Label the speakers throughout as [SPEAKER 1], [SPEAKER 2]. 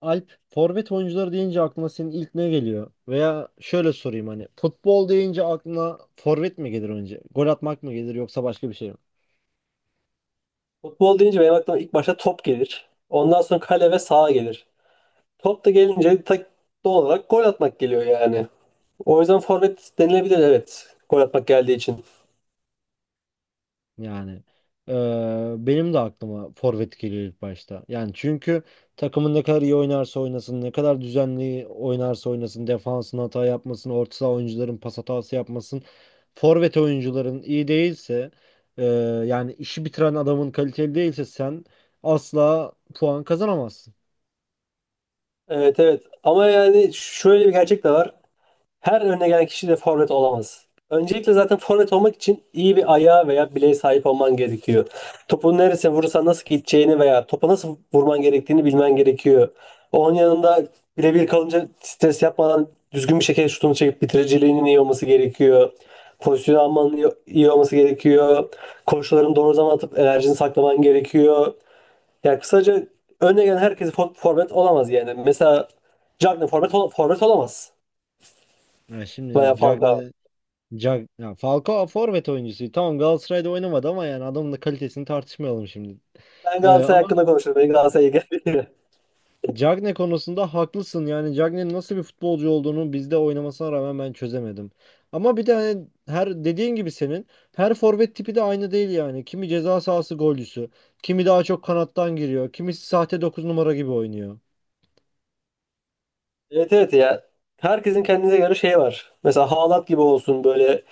[SPEAKER 1] Alp, forvet oyuncuları deyince aklına senin ilk ne geliyor? Veya şöyle sorayım hani futbol deyince aklına forvet mi gelir önce? Gol atmak mı gelir yoksa başka bir şey mi?
[SPEAKER 2] Futbol deyince benim aklıma ilk başta top gelir. Ondan sonra kale ve saha gelir. Top da gelince tak doğal olarak gol atmak geliyor yani. O yüzden forvet denilebilir, evet. Gol atmak geldiği için.
[SPEAKER 1] Yani benim de aklıma forvet geliyor ilk başta. Yani çünkü takımın ne kadar iyi oynarsa oynasın, ne kadar düzenli oynarsa oynasın, defansın hata yapmasın, orta saha oyuncuların pas hatası yapmasın. Forvet oyuncuların iyi değilse, eee, yani işi bitiren adamın kaliteli değilse sen asla puan kazanamazsın.
[SPEAKER 2] Evet, evet. Ama yani şöyle bir gerçek de var. Her önüne gelen kişi de forvet olamaz. Öncelikle zaten forvet olmak için iyi bir ayağa veya bileğe sahip olman gerekiyor. Topu neresine vurursan nasıl gideceğini veya topa nasıl vurman gerektiğini bilmen gerekiyor. Onun yanında birebir kalınca stres yapmadan düzgün bir şekilde şutunu çekip bitiriciliğinin iyi olması gerekiyor. Pozisyon almanın iyi olması gerekiyor. Koşularını doğru zaman atıp enerjini saklaman gerekiyor. Yani kısaca önüne gelen herkes forvet olamaz yani. Mesela Cagney forvet, forvet olamaz
[SPEAKER 1] Ya şimdi
[SPEAKER 2] veya Falcao.
[SPEAKER 1] Cagne, ya Falcao forvet oyuncusu. Tamam Galatasaray'da oynamadı ama yani adamın da kalitesini tartışmayalım şimdi.
[SPEAKER 2] Ben
[SPEAKER 1] Ee,
[SPEAKER 2] Galatasaray
[SPEAKER 1] ama
[SPEAKER 2] hakkında konuşurum. Beni Galatasaray'a geldi.
[SPEAKER 1] Cagne konusunda haklısın. Yani Cagne'nin nasıl bir futbolcu olduğunu bizde oynamasına rağmen ben çözemedim. Ama bir de hani her dediğin gibi senin her forvet tipi de aynı değil yani. Kimi ceza sahası golcüsü, kimi daha çok kanattan giriyor, kimisi sahte 9 numara gibi oynuyor.
[SPEAKER 2] Evet evet ya. Herkesin kendine göre şeyi var. Mesela Haaland gibi olsun, böyle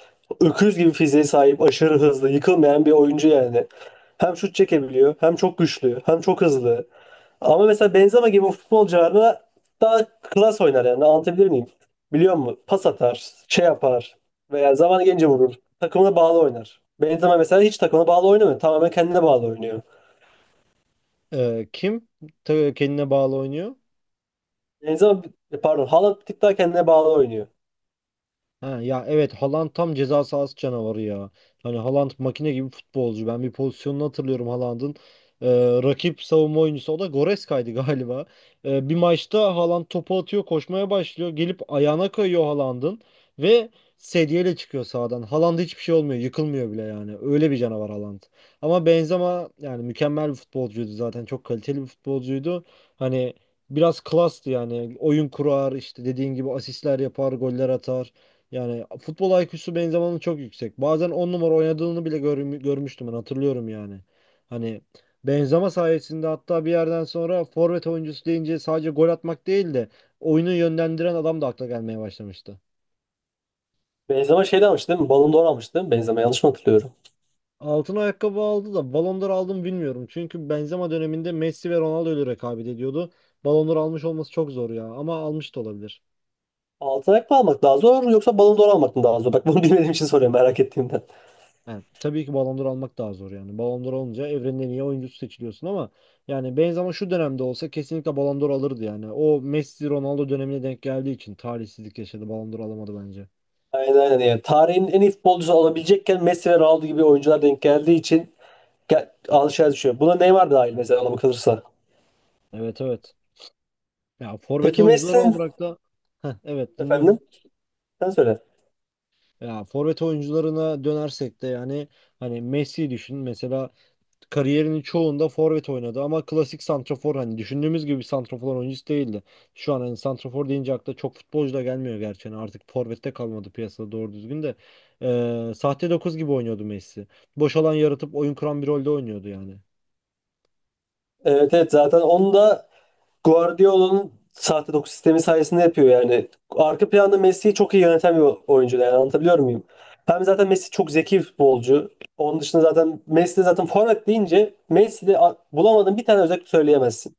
[SPEAKER 2] öküz gibi fiziğe sahip, aşırı hızlı, yıkılmayan bir oyuncu yani. Hem şut çekebiliyor, hem çok güçlü, hem çok hızlı. Ama mesela Benzema gibi futbolcularla daha klas oynar yani. Anlatabilir miyim? Biliyor musun? Pas atar, şey yapar veya zaman gelince vurur. Takımına bağlı oynar. Benzema mesela hiç takımına bağlı oynamıyor. Tamamen kendine bağlı oynuyor.
[SPEAKER 1] Kim kendine bağlı oynuyor?
[SPEAKER 2] Benzema, pardon, Haaland bir tık daha kendine bağlı oynuyor.
[SPEAKER 1] Ha, ya evet Haaland tam ceza sahası canavarı ya. Hani Haaland makine gibi futbolcu. Ben bir pozisyonunu hatırlıyorum Haaland'ın. Ee, rakip savunma oyuncusu o da Goreska'ydı galiba. Bir maçta Haaland topu atıyor, koşmaya başlıyor. Gelip ayağına kayıyor Haaland'ın ve sedyeyle çıkıyor sahadan. Haaland'a hiçbir şey olmuyor, yıkılmıyor bile yani. Öyle bir canavar Haaland. Ama Benzema yani mükemmel bir futbolcuydu zaten. Çok kaliteli bir futbolcuydu. Hani biraz klastı yani. Oyun kurar, işte dediğin gibi asistler yapar, goller atar. Yani futbol IQ'su Benzema'nın çok yüksek. Bazen 10 numara oynadığını bile görmüştüm ben hatırlıyorum yani. Hani Benzema sayesinde hatta bir yerden sonra forvet oyuncusu deyince sadece gol atmak değil de oyunu yönlendiren adam da akla gelmeye başlamıştı.
[SPEAKER 2] Benzema şeyden almıştı değil mi? Ballon d'Or almıştı değil mi? Benzema yanlış mı hatırlıyorum?
[SPEAKER 1] Altın ayakkabı aldı da Ballon d'Or aldı mı bilmiyorum. Çünkü Benzema döneminde Messi ve Ronaldo ile rekabet ediyordu. Ballon d'Or almış olması çok zor ya ama almış da olabilir.
[SPEAKER 2] Altın ayak mı almak daha zor yoksa Ballon d'Or almak mı daha zor? Bak bunu bilmediğim için soruyorum, merak ettiğimden.
[SPEAKER 1] Yani tabii ki Ballon d'Or almak daha zor yani. Ballon d'Or olunca evrenin en iyi oyuncusu seçiliyorsun ama yani Benzema şu dönemde olsa kesinlikle Ballon d'Or alırdı yani. O Messi Ronaldo dönemine denk geldiği için talihsizlik yaşadı. Ballon d'Or alamadı bence.
[SPEAKER 2] Aynen aynen yani. Tarihin en iyi futbolcusu olabilecekken Messi ve Ronaldo gibi oyuncular denk geldiği için gel, alışveriş düşüyor. Buna Neymar dahil mesela, ona bakılırsa.
[SPEAKER 1] Evet, evet. Ya forvet
[SPEAKER 2] Peki
[SPEAKER 1] oyuncuları
[SPEAKER 2] Messi'nin
[SPEAKER 1] olarak da. Heh, evet,
[SPEAKER 2] efendim
[SPEAKER 1] dinliyorum.
[SPEAKER 2] sen söyle.
[SPEAKER 1] Ya forvet oyuncularına dönersek de yani hani Messi düşün mesela kariyerinin çoğunda forvet oynadı ama klasik santrafor hani düşündüğümüz gibi bir santrafor oyuncusu değildi. Şu an hani santrafor deyince akla çok futbolcu da gelmiyor gerçi. Yani artık forvette kalmadı piyasada doğru düzgün de. Sahte 9 gibi oynuyordu Messi. Boş alan yaratıp oyun kuran bir rolde oynuyordu yani.
[SPEAKER 2] Evet evet, zaten onu da Guardiola'nın sahte 9 sistemi sayesinde yapıyor yani. Arka planda Messi'yi çok iyi yöneten bir oyuncu yani, anlatabiliyor muyum? Hem zaten Messi çok zeki bir futbolcu. Onun dışında zaten Messi de zaten forvet deyince Messi'de bulamadığın bir tane özellik söyleyemezsin.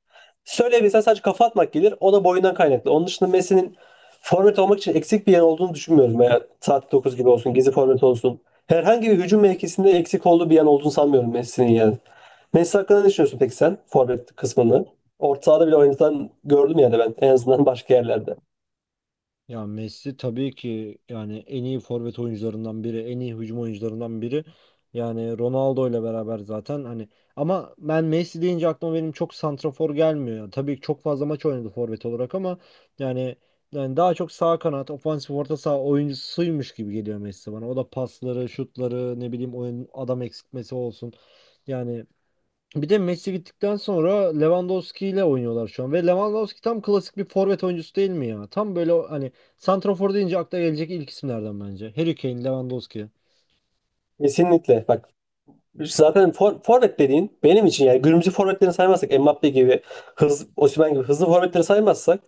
[SPEAKER 2] Söyleyebilsen sadece kafa atmak gelir. O da boyundan kaynaklı. Onun dışında Messi'nin forvet olmak için eksik bir yan olduğunu düşünmüyorum. Veya sahte 9 gibi olsun, gizli forvet olsun. Herhangi bir hücum mevkisinde eksik olduğu bir yan olduğunu sanmıyorum Messi'nin yani. Messi hakkında ne düşünüyorsun peki sen? Forvet kısmını. Orta sahada bile oynatan gördüm yani, ben en azından başka yerlerde.
[SPEAKER 1] Ya Messi tabii ki yani en iyi forvet oyuncularından biri, en iyi hücum oyuncularından biri. Yani Ronaldo ile beraber zaten hani ama ben Messi deyince aklıma benim çok santrafor gelmiyor. Yani tabii ki çok fazla maç oynadı forvet olarak ama yani yani daha çok sağ kanat, ofansif orta saha oyuncusuymuş gibi geliyor Messi bana. O da pasları, şutları, ne bileyim oyun adam eksiltmesi olsun. Yani bir de Messi gittikten sonra Lewandowski ile oynuyorlar şu an. Ve Lewandowski tam klasik bir forvet oyuncusu değil mi ya? Tam böyle hani santrafor deyince akla gelecek ilk isimlerden bence. Harry Kane, Lewandowski.
[SPEAKER 2] Kesinlikle bak, zaten forvet dediğin benim için, yani günümüzü forvetlerini saymazsak Mbappe gibi hız, Osimhen gibi hızlı forvetleri saymazsak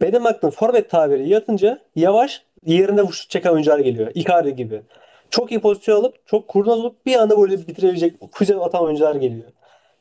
[SPEAKER 2] benim aklım forvet tabiri yatınca yavaş yerinde şut çeken oyuncular geliyor. Icardi gibi. Çok iyi pozisyon alıp çok kurnaz olup bir anda böyle bitirebilecek füze atan oyuncular geliyor.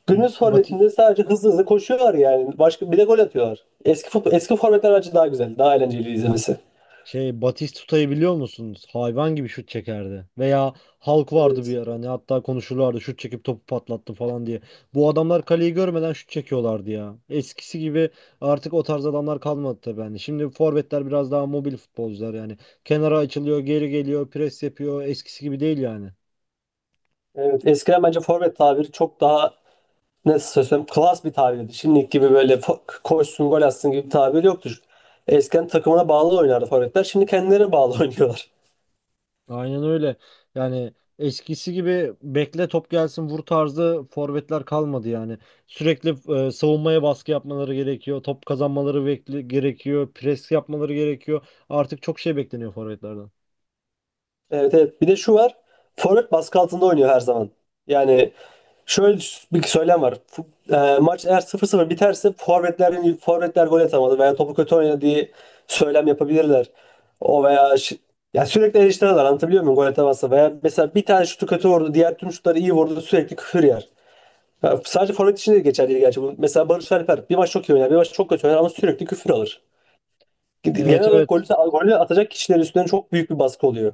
[SPEAKER 2] Günümüz
[SPEAKER 1] Bat
[SPEAKER 2] forvetinde sadece hızlı koşuyorlar yani. Başka bir de gol atıyorlar. Eski futbol, eski forvetler bence daha güzel, daha eğlenceli izlemesi.
[SPEAKER 1] Batistuta'yı biliyor musunuz? Hayvan gibi şut çekerdi. Veya Hulk vardı bir
[SPEAKER 2] Evet.
[SPEAKER 1] ara. Hani hatta konuşurlardı şut çekip topu patlattı falan diye. Bu adamlar kaleyi görmeden şut çekiyorlardı ya. Eskisi gibi artık o tarz adamlar kalmadı tabii hani. Şimdi forvetler biraz daha mobil futbolcular yani. Kenara açılıyor, geri geliyor, pres yapıyor. Eskisi gibi değil yani.
[SPEAKER 2] Evet, eskiden bence forvet tabiri çok daha nasıl söylesem klas bir tabirdi. Şimdiki gibi böyle koşsun gol atsın gibi bir tabir yoktur. Eskiden takımına bağlı oynardı forvetler. Şimdi kendilerine bağlı oynuyorlar.
[SPEAKER 1] Aynen öyle. Yani eskisi gibi bekle top gelsin vur tarzı forvetler kalmadı yani. Sürekli savunmaya baskı yapmaları gerekiyor. Top kazanmaları gerekiyor. Pres yapmaları gerekiyor. Artık çok şey bekleniyor forvetlerden.
[SPEAKER 2] Evet evet. Bir de şu var. Forvet baskı altında oynuyor her zaman. Yani şöyle bir söylem var. Maç eğer sıfır sıfır biterse forvetler gol atamadı veya topu kötü oynadı diye söylem yapabilirler. O veya şi- Ya sürekli eleştiriyorlar, anlatabiliyor muyum, gol atamazsa veya mesela bir tane şutu kötü vurdu diğer tüm şutları iyi vurdu sürekli küfür yer. Ya sadece forvet için de geçerli değil gerçi bu. Mesela Barış Alper bir maç çok iyi oynar bir maç çok kötü oynar ama sürekli küfür alır. Genel
[SPEAKER 1] Evet,
[SPEAKER 2] olarak
[SPEAKER 1] evet.
[SPEAKER 2] golü atacak kişilerin üstünden çok büyük bir baskı oluyor.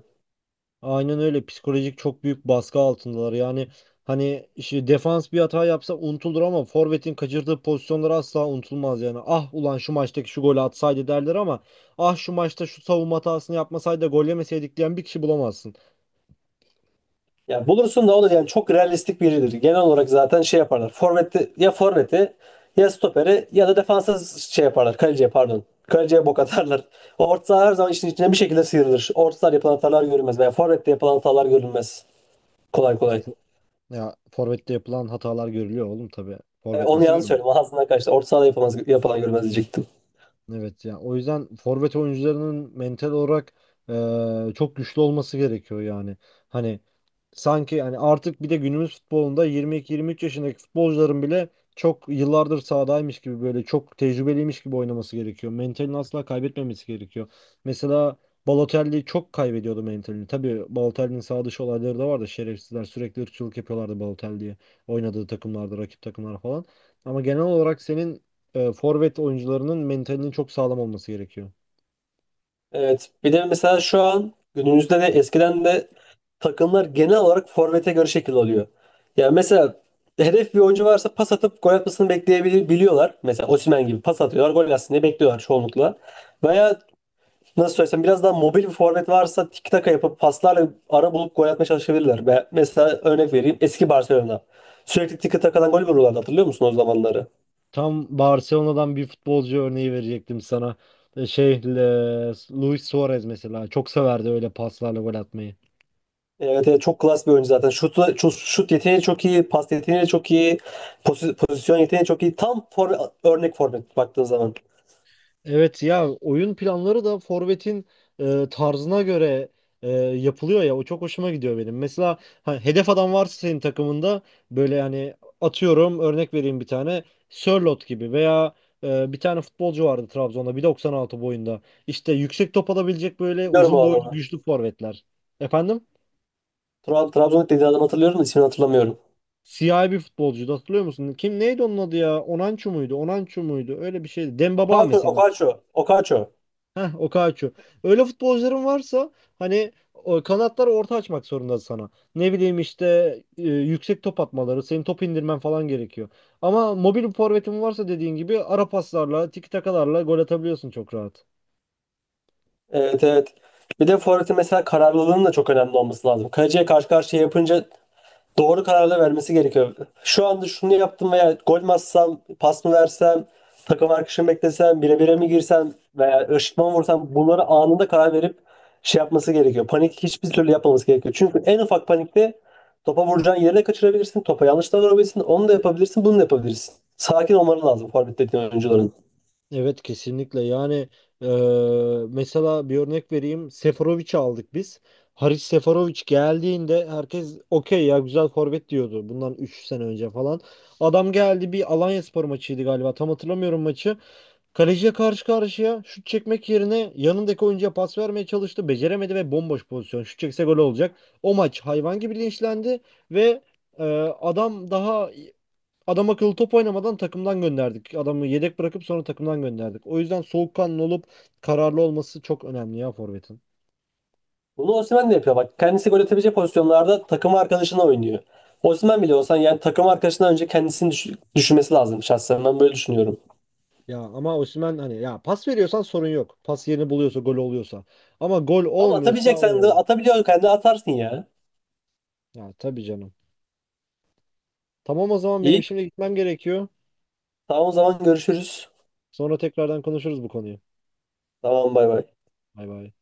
[SPEAKER 1] Aynen öyle. Psikolojik çok büyük baskı altındalar. Yani hani işte defans bir hata yapsa unutulur ama forvetin kaçırdığı pozisyonlar asla unutulmaz yani. Ah ulan şu maçtaki şu golü atsaydı derler ama ah şu maçta şu savunma hatasını yapmasaydı da gol yemeseydik diyen bir kişi bulamazsın.
[SPEAKER 2] Ya bulursun da o da yani çok realistik biridir. Genel olarak zaten şey yaparlar. Forvet'te ya forveti Ya stoperi ya da defansa şey yaparlar. Kaleciye pardon. Kaleciye bok atarlar. O orta saha her zaman işin içine bir şekilde sıyrılır. Orta sahada yapılan hatalar görülmez veya forvette yapılan hatalar görülmez. Kolay
[SPEAKER 1] Ya,
[SPEAKER 2] kolay.
[SPEAKER 1] ya forvette yapılan hatalar görülüyor oğlum tabii. Forvet
[SPEAKER 2] Onu
[SPEAKER 1] nasıl
[SPEAKER 2] yanlış
[SPEAKER 1] görünmüyor?
[SPEAKER 2] söyledim. Ağzından kaçtı. Orta sahada yapılmaz, yapılan görülmez diyecektim.
[SPEAKER 1] Evet ya o yüzden forvet oyuncularının mental olarak çok güçlü olması gerekiyor yani. Hani sanki hani artık bir de günümüz futbolunda 22-23 yaşındaki futbolcuların bile çok yıllardır sahadaymış gibi böyle çok tecrübeliymiş gibi oynaması gerekiyor. Mentalini asla kaybetmemesi gerekiyor. Mesela Balotelli çok kaybediyordu mentalini. Tabii Balotelli'nin sağ dışı olayları da vardı. Şerefsizler sürekli ırkçılık yapıyorlardı Balotelli'ye oynadığı takımlarda, rakip takımlara falan. Ama genel olarak senin forvet oyuncularının mentalinin çok sağlam olması gerekiyor.
[SPEAKER 2] Evet. Bir de mesela şu an günümüzde de eskiden de takımlar genel olarak forvete göre şekil alıyor. Yani mesela hedef bir oyuncu varsa pas atıp gol atmasını bekleyebiliyorlar. Mesela Osimhen gibi pas atıyorlar, gol atsın diye bekliyorlar çoğunlukla. Veya nasıl söylesem biraz daha mobil bir forvet varsa tiki taka yapıp paslarla ara bulup gol atmaya çalışabilirler. Ve mesela örnek vereyim, eski Barcelona. Sürekli tiki takadan gol vuruyorlardı, hatırlıyor musun o zamanları?
[SPEAKER 1] Tam Barcelona'dan bir futbolcu örneği verecektim sana. E, Şey, e, Luis Suarez mesela çok severdi öyle paslarla gol atmayı.
[SPEAKER 2] Evet, evet, çok klas bir oyuncu zaten. Şut yeteneği çok iyi, pas yeteneği çok iyi, pozisyon yeteneği çok iyi. Örnek forvet baktığın zaman.
[SPEAKER 1] Evet ya oyun planları da forvetin tarzına göre yapılıyor ya, o çok hoşuma gidiyor benim. Mesela hedef adam varsa senin takımında böyle yani atıyorum örnek vereyim bir tane Sörloth gibi veya bir tane futbolcu vardı Trabzon'da 1.96 boyunda. İşte yüksek top alabilecek böyle
[SPEAKER 2] Biliyorum
[SPEAKER 1] uzun
[SPEAKER 2] o
[SPEAKER 1] boylu
[SPEAKER 2] adamı.
[SPEAKER 1] güçlü forvetler. Efendim?
[SPEAKER 2] Trabzon'da dediği adamı hatırlıyorum da ismini hatırlamıyorum.
[SPEAKER 1] Siyahi bir futbolcuydu hatırlıyor musun? Kim neydi onun adı ya? Onançu muydu? Onançu muydu? Öyle bir şeydi. Dembaba mesela.
[SPEAKER 2] Okaço.
[SPEAKER 1] Heh, Okaçu. Öyle futbolcuların varsa hani o kanatları orta açmak zorunda sana. Ne bileyim işte yüksek top atmaları, senin top indirmen falan gerekiyor. Ama mobil bir forvetin varsa dediğin gibi ara paslarla, tiki takalarla gol atabiliyorsun çok rahat.
[SPEAKER 2] Evet evet. Bir de forvetin mesela kararlılığının da çok önemli olması lazım. Kaleciye karşı karşıya yapınca doğru kararlar vermesi gerekiyor. Şu anda şunu yaptım veya gol mü atsam, pas mı versem, takım arkadaşımı beklesem, bire bire mi girsem veya ışıtma mı vursam, bunları anında karar verip şey yapması gerekiyor. Panik hiçbir türlü yapmaması gerekiyor. Çünkü en ufak panikte topa vuracağın yeri de kaçırabilirsin, topa yanlış da vurabilirsin, onu da yapabilirsin, bunu da yapabilirsin. Sakin olmaları lazım forvet dediğin oyuncuların.
[SPEAKER 1] Evet kesinlikle yani e, mesela bir örnek vereyim, Seferovic'i aldık biz. Haris Seferovic geldiğinde herkes okey ya güzel forvet diyordu bundan 3 sene önce falan. Adam geldi, bir Alanyaspor maçıydı galiba, tam hatırlamıyorum maçı. Kaleciye karşı karşıya şut çekmek yerine yanındaki oyuncuya pas vermeye çalıştı. Beceremedi ve bomboş pozisyon. Şut çekse gol olacak. O maç hayvan gibi linçlendi ve e, adam daha adam akıllı top oynamadan takımdan gönderdik. Adamı yedek bırakıp sonra takımdan gönderdik. O yüzden soğukkanlı olup kararlı olması çok önemli ya forvetin.
[SPEAKER 2] Bunu Osimhen de yapıyor bak. Kendisi gol atabilecek pozisyonlarda takım arkadaşına oynuyor. Osimhen bile olsan yani takım arkadaşından önce kendisini düşünmesi lazım, şahsen ben böyle düşünüyorum.
[SPEAKER 1] Ya ama Osimhen hani ya pas veriyorsan sorun yok. Pas yerini buluyorsa, gol oluyorsa. Ama gol
[SPEAKER 2] Ama
[SPEAKER 1] olmuyorsa
[SPEAKER 2] atabileceksen de
[SPEAKER 1] o,
[SPEAKER 2] atabiliyorsun de atarsın ya.
[SPEAKER 1] ya tabii canım. Tamam, o zaman benim
[SPEAKER 2] İyi.
[SPEAKER 1] şimdi gitmem gerekiyor.
[SPEAKER 2] Tamam o zaman görüşürüz.
[SPEAKER 1] Sonra tekrardan konuşuruz bu konuyu.
[SPEAKER 2] Tamam bay bay.
[SPEAKER 1] Bay bay.